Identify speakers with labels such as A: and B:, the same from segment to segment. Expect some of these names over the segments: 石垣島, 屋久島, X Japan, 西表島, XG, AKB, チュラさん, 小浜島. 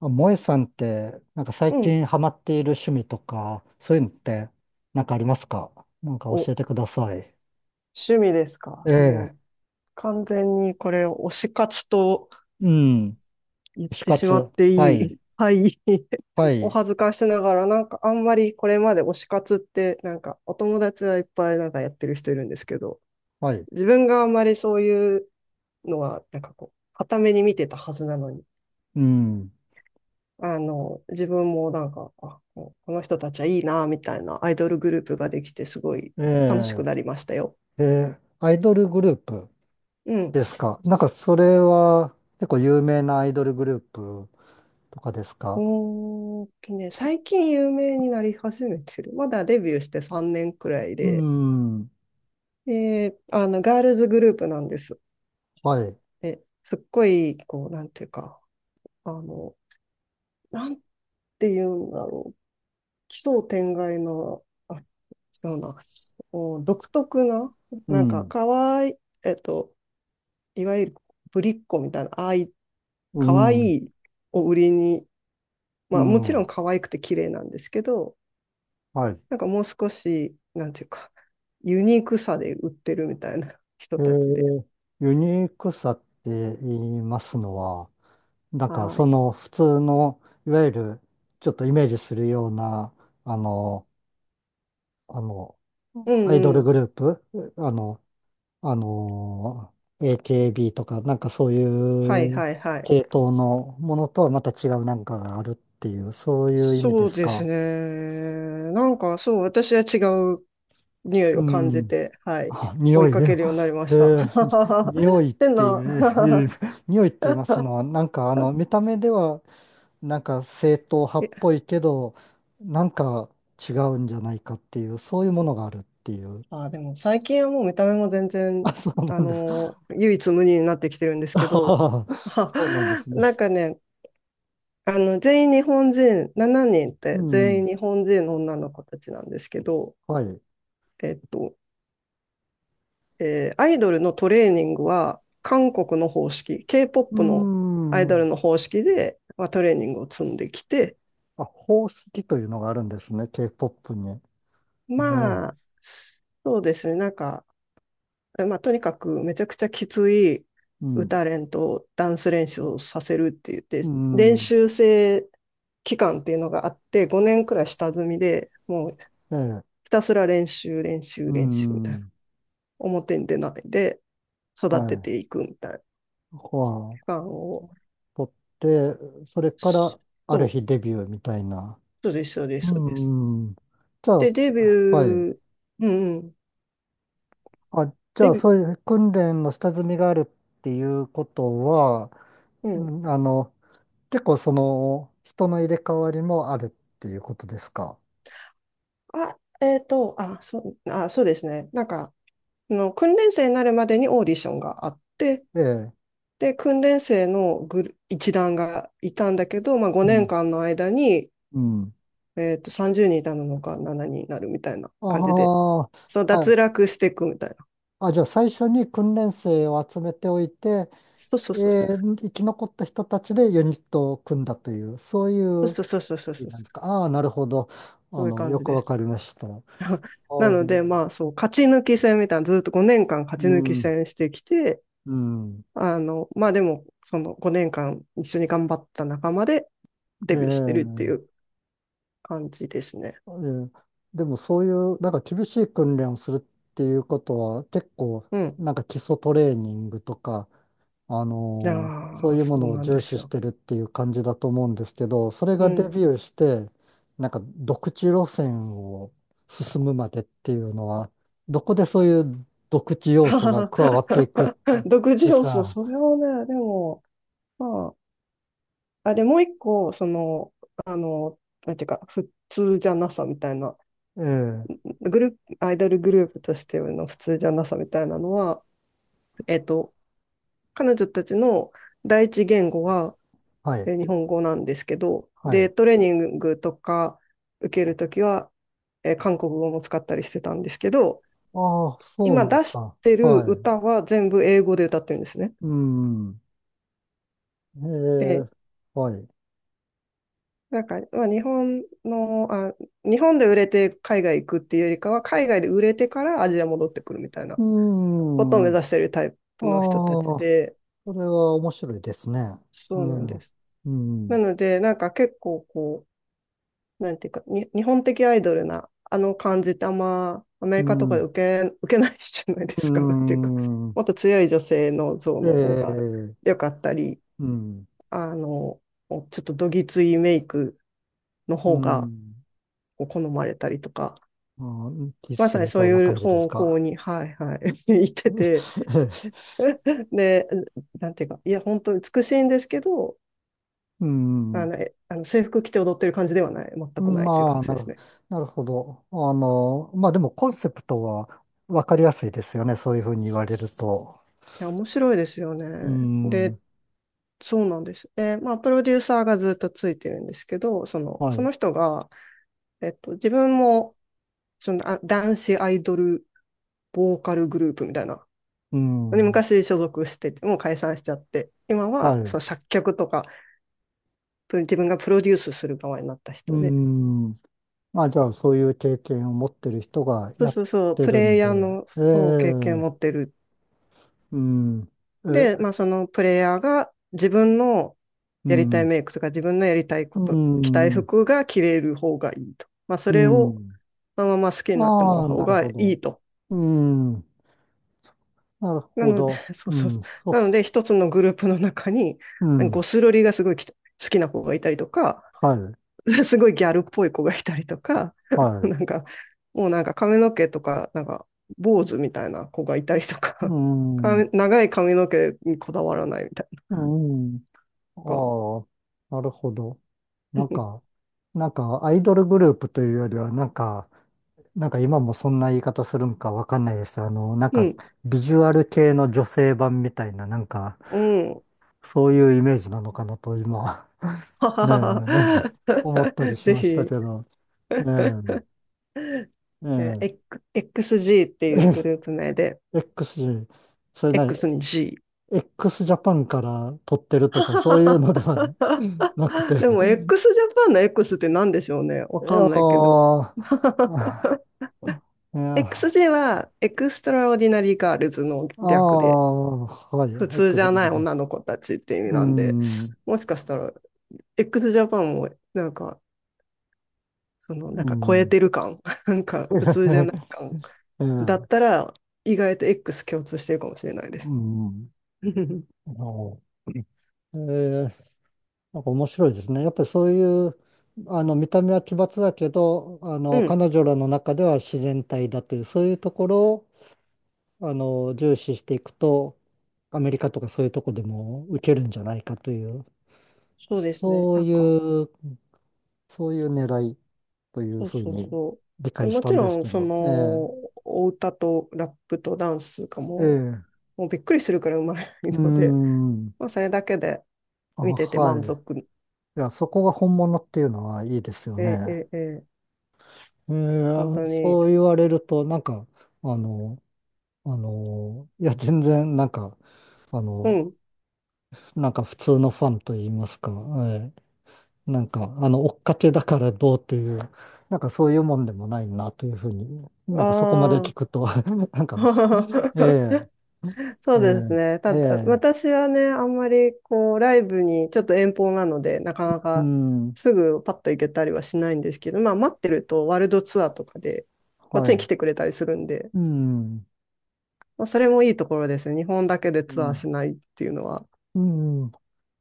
A: あ萌えさんって、なんか最
B: うん。
A: 近ハマっている趣味とか、そういうのって、なんかありますか。なんか
B: お、
A: 教えてください。
B: 趣味です
A: え
B: か。も
A: え、
B: う完全にこれ推し活と
A: うん、
B: 言っ
A: 死
B: てしま
A: 活。
B: って
A: は
B: い
A: い、
B: い。はい。
A: は
B: お
A: い、
B: 恥ずかしながら、なんかあんまりこれまで推し活って、なんかお友達はいっぱいなんかやってる人いるんですけど、
A: はい、
B: 自分があんまりそういうのは、なんかこう、傍目に見てたはずなのに、
A: うん。
B: 自分もなんか、あ、こうこの人たちはいいな、みたいなアイドルグループができて、すごい
A: え
B: 楽し
A: え、
B: くなりましたよ。
A: ええ、アイドルグループ
B: うん。
A: ですか。なんかそれは結構有名なアイドルグループとかですか。
B: 最近有名になり始めてる。まだデビューして3年くらい
A: う
B: で、
A: ん、
B: ガールズグループなんです。
A: はい、
B: で、すっごい、こう、なんていうか、あの、なんていうんだろう、奇想天外の、あ、違うな、お独特な、
A: う
B: なんか、
A: ん、
B: かわいい、えっと、いわゆるぶりっ子みたいな、ああい、
A: う
B: かわい
A: ん、
B: いを売りに、
A: う
B: まあ、もちろ
A: ん、
B: ん可愛くて綺麗なんですけど、
A: はい。
B: なんかもう少し、なんていうか、ユニークさで売ってるみたいな人
A: え
B: たちで。
A: ー、ユニークさって言いますのは、なんか
B: は
A: そ
B: い。
A: の普通の、いわゆるちょっとイメージするような、あの、あの、う
B: う
A: んアイド
B: んう
A: ル
B: ん。
A: グループ、あの、あの、AKB とか、なんかそう
B: はい
A: いう
B: はいはい。
A: 系統のものとはまた違うなんかがあるっていう、そういう意味
B: そ
A: で
B: う
A: す
B: です
A: か。
B: ね。なんかそう、私は違う匂い
A: う
B: を感じ
A: ん。
B: て、はい。
A: あ、
B: 追
A: 匂
B: い
A: い
B: か
A: だ
B: け
A: よ。
B: るようになりま
A: え
B: した。
A: ー、に
B: っ
A: 匂いっ
B: て
A: てい
B: な。
A: う、え ー匂いって言いますのは、なんかあの、見た目では、なんか正統派っ
B: え
A: ぽいけど、なんか違うんじゃないかっていう、そういうものがあるっていう。
B: でも最近はもう見た目も全然、
A: あ、そう
B: あ
A: なんです。
B: の唯一無二になってきてるんです
A: あ
B: け
A: は
B: ど、
A: は。そうなんです ね。
B: なんかね、全員日本人、7人っ
A: う
B: て全
A: ん。
B: 員日本人の女の子たちなんですけど、
A: はい。う
B: えっと、アイドルのトレーニングは韓国の方式、
A: ー
B: K-POP のアイドル
A: ん。
B: の方式で、まあ、トレーニングを積んできて、
A: あ、宝石というのがあるんですね、K-POP に。え
B: まあ、
A: え。
B: そうですね、なんか、えまあ、とにかくめちゃくちゃきつい
A: うん。
B: 歌練とダンス練習をさせるって言っ
A: う
B: て、練
A: ん。
B: 習生期間っていうのがあって、5年くらい下積みでもう
A: ええ。
B: ひたすら練習、練
A: う
B: 習、練習みたいな。
A: ん。
B: 表に出ないで育
A: は
B: て
A: い。
B: ていくみたいな期
A: はあ、
B: 間を。
A: 取って、それからあ
B: そ
A: る
B: う、
A: 日デビューみたいな。
B: そうです、そうです、
A: う
B: そうです。
A: ん、うん。じゃあ、
B: で、
A: す、はい。
B: ー、うんうん、
A: あ、じゃ
B: デ
A: あ、
B: ビュー、
A: そういう訓練の下積みがあるっていうことは、
B: う
A: う
B: ん。
A: んあの、結構その、人の入れ替わりもあるっていうことですか。
B: あ、えっと、あ、そそうですね。なんか、あの訓練生になるまでにオーディションがあって、
A: ええ。
B: で、訓練生のグル一団がいたんだけど、まあ、
A: う
B: 5
A: ん。
B: 年間の間に、
A: うん。
B: 30人いたのか7人にんになるみたいな感じで、
A: あ
B: そう
A: あ、
B: 脱落していくみたいな。
A: じゃあ最初に訓練生を集めておいて、
B: そうそ
A: え
B: うそう。
A: 生き残った人たちでユニットを組んだという、そうい
B: そう
A: う
B: そうそうそうそうそう。
A: なんですか。ああ、なるほど。あ
B: そういう
A: の、
B: 感
A: よ
B: じ
A: く
B: で
A: わ
B: す。
A: かりました。あ
B: なの
A: ー、
B: で、まあそう、勝ち抜き戦みたいな、ずっと5年間勝ち
A: う
B: 抜き
A: ん、
B: 戦してきて、
A: うん。
B: まあでも、その5年間一緒に頑張った仲間で
A: え
B: デビューしてるって
A: え、
B: いう感じですね。
A: ええ、でもそういう、なんか厳しい訓練をするっていうことは、結構、
B: うん。
A: なんか基礎トレーニングとか、あ
B: いや
A: のーそう
B: ー、
A: いうも
B: そう
A: のを
B: なんで
A: 重視
B: す
A: し
B: よ。
A: てるっていう感じだと思うんですけど、それ
B: う
A: がデビ
B: ん。
A: ューして、なんか独自路線を進むまでっていうのは、どこでそういう独自要素が加わってい くん
B: 独自
A: です
B: 要素、
A: か。
B: それはね、でも、まあ、あ、でもう一個、あの、なんていうか、普通じゃなさみたいな
A: ええ、
B: グループ、アイドルグループとしての普通じゃなさみたいなのは、えっと、彼女たちの第一言語は
A: はい、
B: 日本語なんですけど、
A: は
B: で、
A: い。
B: トレーニングとか受けるときは、韓国語も使ったりしてたんですけど、
A: ああ、そう
B: 今
A: なん
B: 出
A: です
B: し
A: か。
B: てる
A: はい。
B: 歌は全部英語で歌ってるんですね。
A: うん。え
B: で、
A: え、はい。
B: なんか、日本で売れて海外行くっていうよりかは、海外で売れてからアジア戻ってくるみたい
A: う
B: なことを目
A: ん。ああ、
B: 指してるタイプの人たち
A: そ
B: で、
A: れは面白いですね。え
B: そうなんで
A: ん。
B: す。
A: う
B: な
A: ん。
B: ので、なんか結構こう、なんていうか、に日本的アイドルなあの感じってあんまアメ
A: う
B: リカとかで
A: ん。
B: 受けないじゃないで
A: う
B: すか。なんていうか、
A: ん。
B: もっと強い女性の像
A: え
B: の方が
A: え、
B: 良かったり、
A: うん。
B: あの、ちょっとどぎついメイクの
A: う
B: 方が
A: ん。
B: こう好まれたりとか、
A: ああ、キ
B: ま
A: ス
B: さに
A: み
B: そ
A: た
B: う
A: いな
B: いう
A: 感じです
B: 方向
A: か。
B: に、はいはい、行ってて、で、なんていうか、いや、本当に美しいんですけど、
A: う
B: あ
A: ん。
B: の、えあの制服着て踊ってる感じではない、全くないという
A: ま
B: 感
A: あ、
B: じ
A: な
B: です
A: る、
B: ね。
A: なるほど。あの、まあでもコンセプトはわかりやすいですよね。そういうふうに言われると。
B: いや、面白いですよね。
A: うーん、
B: で、そうなんです。で、まあ、プロデューサーがずっとついてるんですけど、その、
A: はい、
B: そ
A: う
B: の人が、自分も、男子アイドルボーカルグループみたいな、
A: ー
B: で
A: ん、
B: 昔所属してて、もう解散しちゃって、今
A: はい、
B: は、
A: う
B: そう、作曲とか、自分がプロデュースする側になった
A: ー
B: 人で、
A: ん。まあ、じゃあ、そういう経験を持ってる人が
B: そう
A: やっ
B: そうそう、
A: て
B: プ
A: る
B: レ
A: ん
B: イ
A: で、
B: ヤーの、
A: ええ、
B: そう、経験を持
A: う
B: ってる
A: ーん、え、
B: で、
A: う
B: まあ、そのプレイヤーが自分の
A: ー
B: やり
A: ん、
B: たい
A: う
B: メイクとか自分のやりたい
A: ー
B: こと、着たい
A: ん、う
B: 服が着れる方がいいと。まあ、そ
A: ー
B: れを
A: ん。
B: そのまま好きになってもら
A: あ
B: う
A: あ、
B: 方
A: なる
B: が
A: ほ
B: い
A: ど。
B: いと。
A: うーん、なる
B: な
A: ほ
B: ので、
A: ど。
B: そう
A: う
B: そうそ
A: ん、そ
B: うなの
A: う、
B: で、一つのグループの中に、
A: う
B: ゴ
A: ん、
B: スロリがすごい好きな子がいたりとか、
A: はい、
B: すごいギャルっぽい子がいたりとか、
A: はい、
B: なんか、もうなんか髪の毛とか、なんか坊主みたいな子がいたりとか、
A: うー ん、
B: か
A: う
B: 長い髪の毛にこだわらないみたいな。
A: ーん。
B: か
A: ああ、なるほど。なんか、なんか、アイドルグループというよりは、なんか、なんか今もそんな言い方するんかわかんないです。あの、なん
B: う
A: か
B: ん。
A: ビジュアル系の女性版みたいな、なんか
B: うん。
A: そういうイメージなのかなと今、ねえ、思ったり し
B: ぜ
A: ましたけ
B: ひ、
A: ど、ええ、え
B: XG っていう
A: え、
B: グループ名で、
A: X、それなに。
B: X に G。
A: X ジャパンから撮ってるとかそういうのではなくて、
B: でも、x ジャパンの X って何でしょうね。わ
A: い
B: か
A: や
B: んないけど。
A: ー、あ、いやー、
B: XG は、エクストラオーディナリーガールズの
A: あ
B: 略で、
A: あ、は
B: 普
A: い、
B: 通じ
A: X
B: ゃない
A: で、
B: 女の子たちって意味
A: う
B: なんで、
A: ん、
B: もしかしたら、X ジャパンも、なんか、そ
A: う
B: の、なんか超え
A: ん。
B: てる感、なんか普通じゃない感
A: う
B: だっ
A: ん。
B: たら、意外と X 共通してるかもしれないで
A: う
B: す。
A: ん。お、えー、なんか面白いですね。やっぱりそういう、あの、見た目は奇抜だけど、あ
B: う
A: の、
B: ん、
A: 彼女らの中では自然体だという、そういうところを、あの、重視していくと、アメリカとかそういうとこでも受けるんじゃないかという、
B: そうですね。
A: そう
B: なんか、
A: いう、そういう狙いという
B: そう
A: ふう
B: そう
A: に
B: そう。
A: 理
B: で
A: 解し
B: も
A: た
B: ち
A: んで
B: ろ
A: す
B: ん、
A: け
B: そ
A: ど、え
B: の、お歌とラップとダンスが
A: え、ええ、
B: もうびっくりするくらいうまい
A: うー
B: ので、
A: ん、
B: まあ、それだけで
A: あ、
B: 見てて
A: はい。
B: 満足。
A: いや、そこが本物っていうのはいいですよ
B: え
A: ね。
B: えええ、
A: え
B: 本当
A: ー、
B: に、
A: そう言われると、なんか、あの、あの、いや、全然、なんか、あ
B: う
A: の、
B: ん、
A: なんか普通のファンと言いますか、えー、なんか、あの、追っかけだからどうという、なんかそういうもんでもないなというふうに、なんかそこまで
B: あ
A: 聞くと、なんか、
B: あ、
A: え え、
B: そ
A: え
B: うですね。た
A: え、え
B: だ、
A: え、
B: 私はね、あんまりこう、ライブにちょっと遠方なので、なかな
A: う
B: か
A: ん、
B: すぐパッと行けたりはしないんですけど、まあ待ってるとワールドツアーとかで、こっ
A: は
B: ちに来
A: い、
B: てくれたりするんで、
A: うん、
B: まあ、それもいいところですね。日本だけで
A: う
B: ツアー
A: ん、
B: しないっていうのは
A: うん、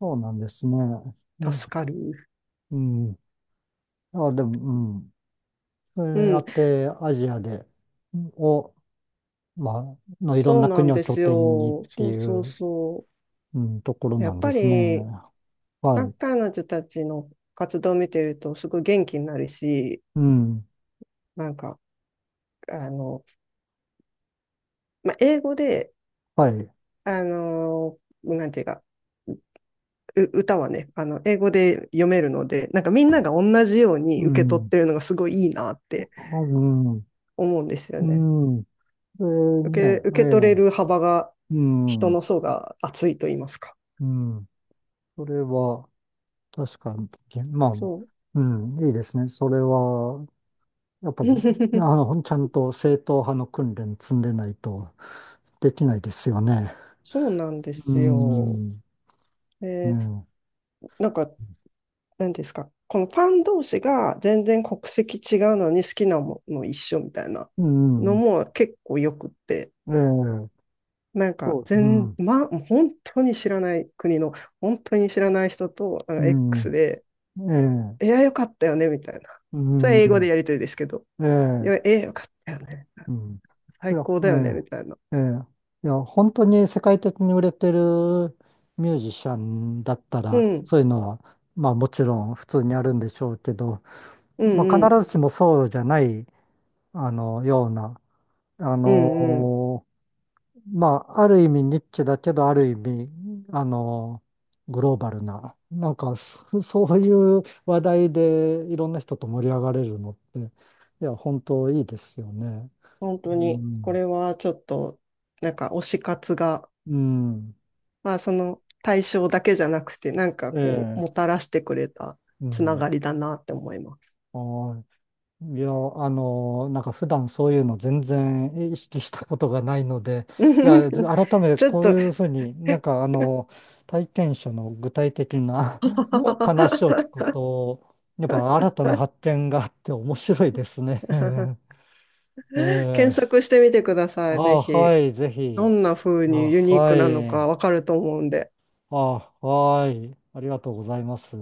A: そうなんですね。え、
B: 助かる。
A: うん。あ、でも、うん。そ
B: う
A: れや
B: ん、
A: って、アジアで、を、まあ、のいろん
B: そう
A: な
B: な
A: 国
B: ん
A: を
B: で
A: 拠
B: す
A: 点にっ
B: よ。
A: て
B: そう
A: い
B: そう
A: う、
B: そ
A: うん、ところ
B: う。や
A: な
B: っ
A: んで
B: ぱ
A: すね。
B: り、
A: は
B: なん
A: い。
B: か彼女たちの活動を見てると、すごい元気になるし、
A: うん。
B: なんか、あの、まあ、英語で、
A: はい。
B: あのーなんていうか、歌はね、あの、英語で読めるので、なんかみんなが同じよう
A: う
B: に受け取っ
A: ん。
B: てるのがすごいいいなっ
A: あ、
B: て
A: うん。
B: 思うんですよ
A: う
B: ね。
A: ん。えーね、
B: 受け取れる
A: え
B: 幅が、
A: え。う
B: 人の
A: ん。
B: 層が厚いと言いますか。
A: うん。それは、確かに、まあ、
B: そ
A: うん、いいですね。それは、やっ
B: う。
A: ぱり、あの、ちゃんと正統派の訓練積んでないとできないですよね。
B: そうなんで
A: う
B: すよ。
A: ん。
B: で、
A: ね、
B: なんか、なんですか、このファン同士が全然国籍違うのに好きなもの一緒みたいな
A: う
B: の
A: ん、
B: も結構よくって、
A: ええ、
B: なんか
A: そう、う
B: 全、
A: ん、
B: ま、本当に知らない国の、本当に知らない人と、なん
A: う
B: か
A: ん、
B: X で、
A: ええ、
B: いや、よかったよね、みたいな。それは
A: う
B: 英語で
A: ん、
B: やりとりですけど、
A: ええ、
B: よかったよね。
A: うん、そ
B: 最
A: り
B: 高だよね、み
A: ゃ、
B: たいな。
A: ええ、ええ、いや、本当に世界的に売れてるミュージシャンだった
B: う
A: ら、
B: ん、
A: そういうのは、まあもちろん普通にあるんでしょうけど、
B: う
A: ま
B: ん、う
A: あ
B: ん、
A: 必ずしもそうじゃない、あの、ような、あ
B: うん、うん。
A: の、まあ、ある意味ニッチだけど、ある意味、あの、グローバルな、なんか、そ そういう話題でいろんな人と盛り上がれるのって、いや、本当いいですよね。
B: 本当
A: う
B: に、こ
A: ん。
B: れはちょっと、なんか推し活が、
A: うん。
B: まあ、その対象だけじゃなくて、なんか
A: え
B: こう、も
A: え。
B: たらしてくれた
A: う
B: つな
A: ん。
B: がりだなって思います。
A: はい。いや、あの、なんか普段そういうの全然意識したことがないので、いや、改めて
B: ちょっ
A: こう
B: と、
A: いうふうに、なんかあの、体験者の具体的な 話を聞くと、やっぱ新たな発 見があって面白いですね。え
B: 検
A: え、
B: 索してみてくだ
A: あ
B: さい、ぜ
A: あ、は
B: ひ。
A: い、ぜひ。
B: どんな風
A: あ、
B: にユニーク
A: は
B: なのか
A: い。
B: わかると思うんで。
A: あ、はい。ありがとうございます。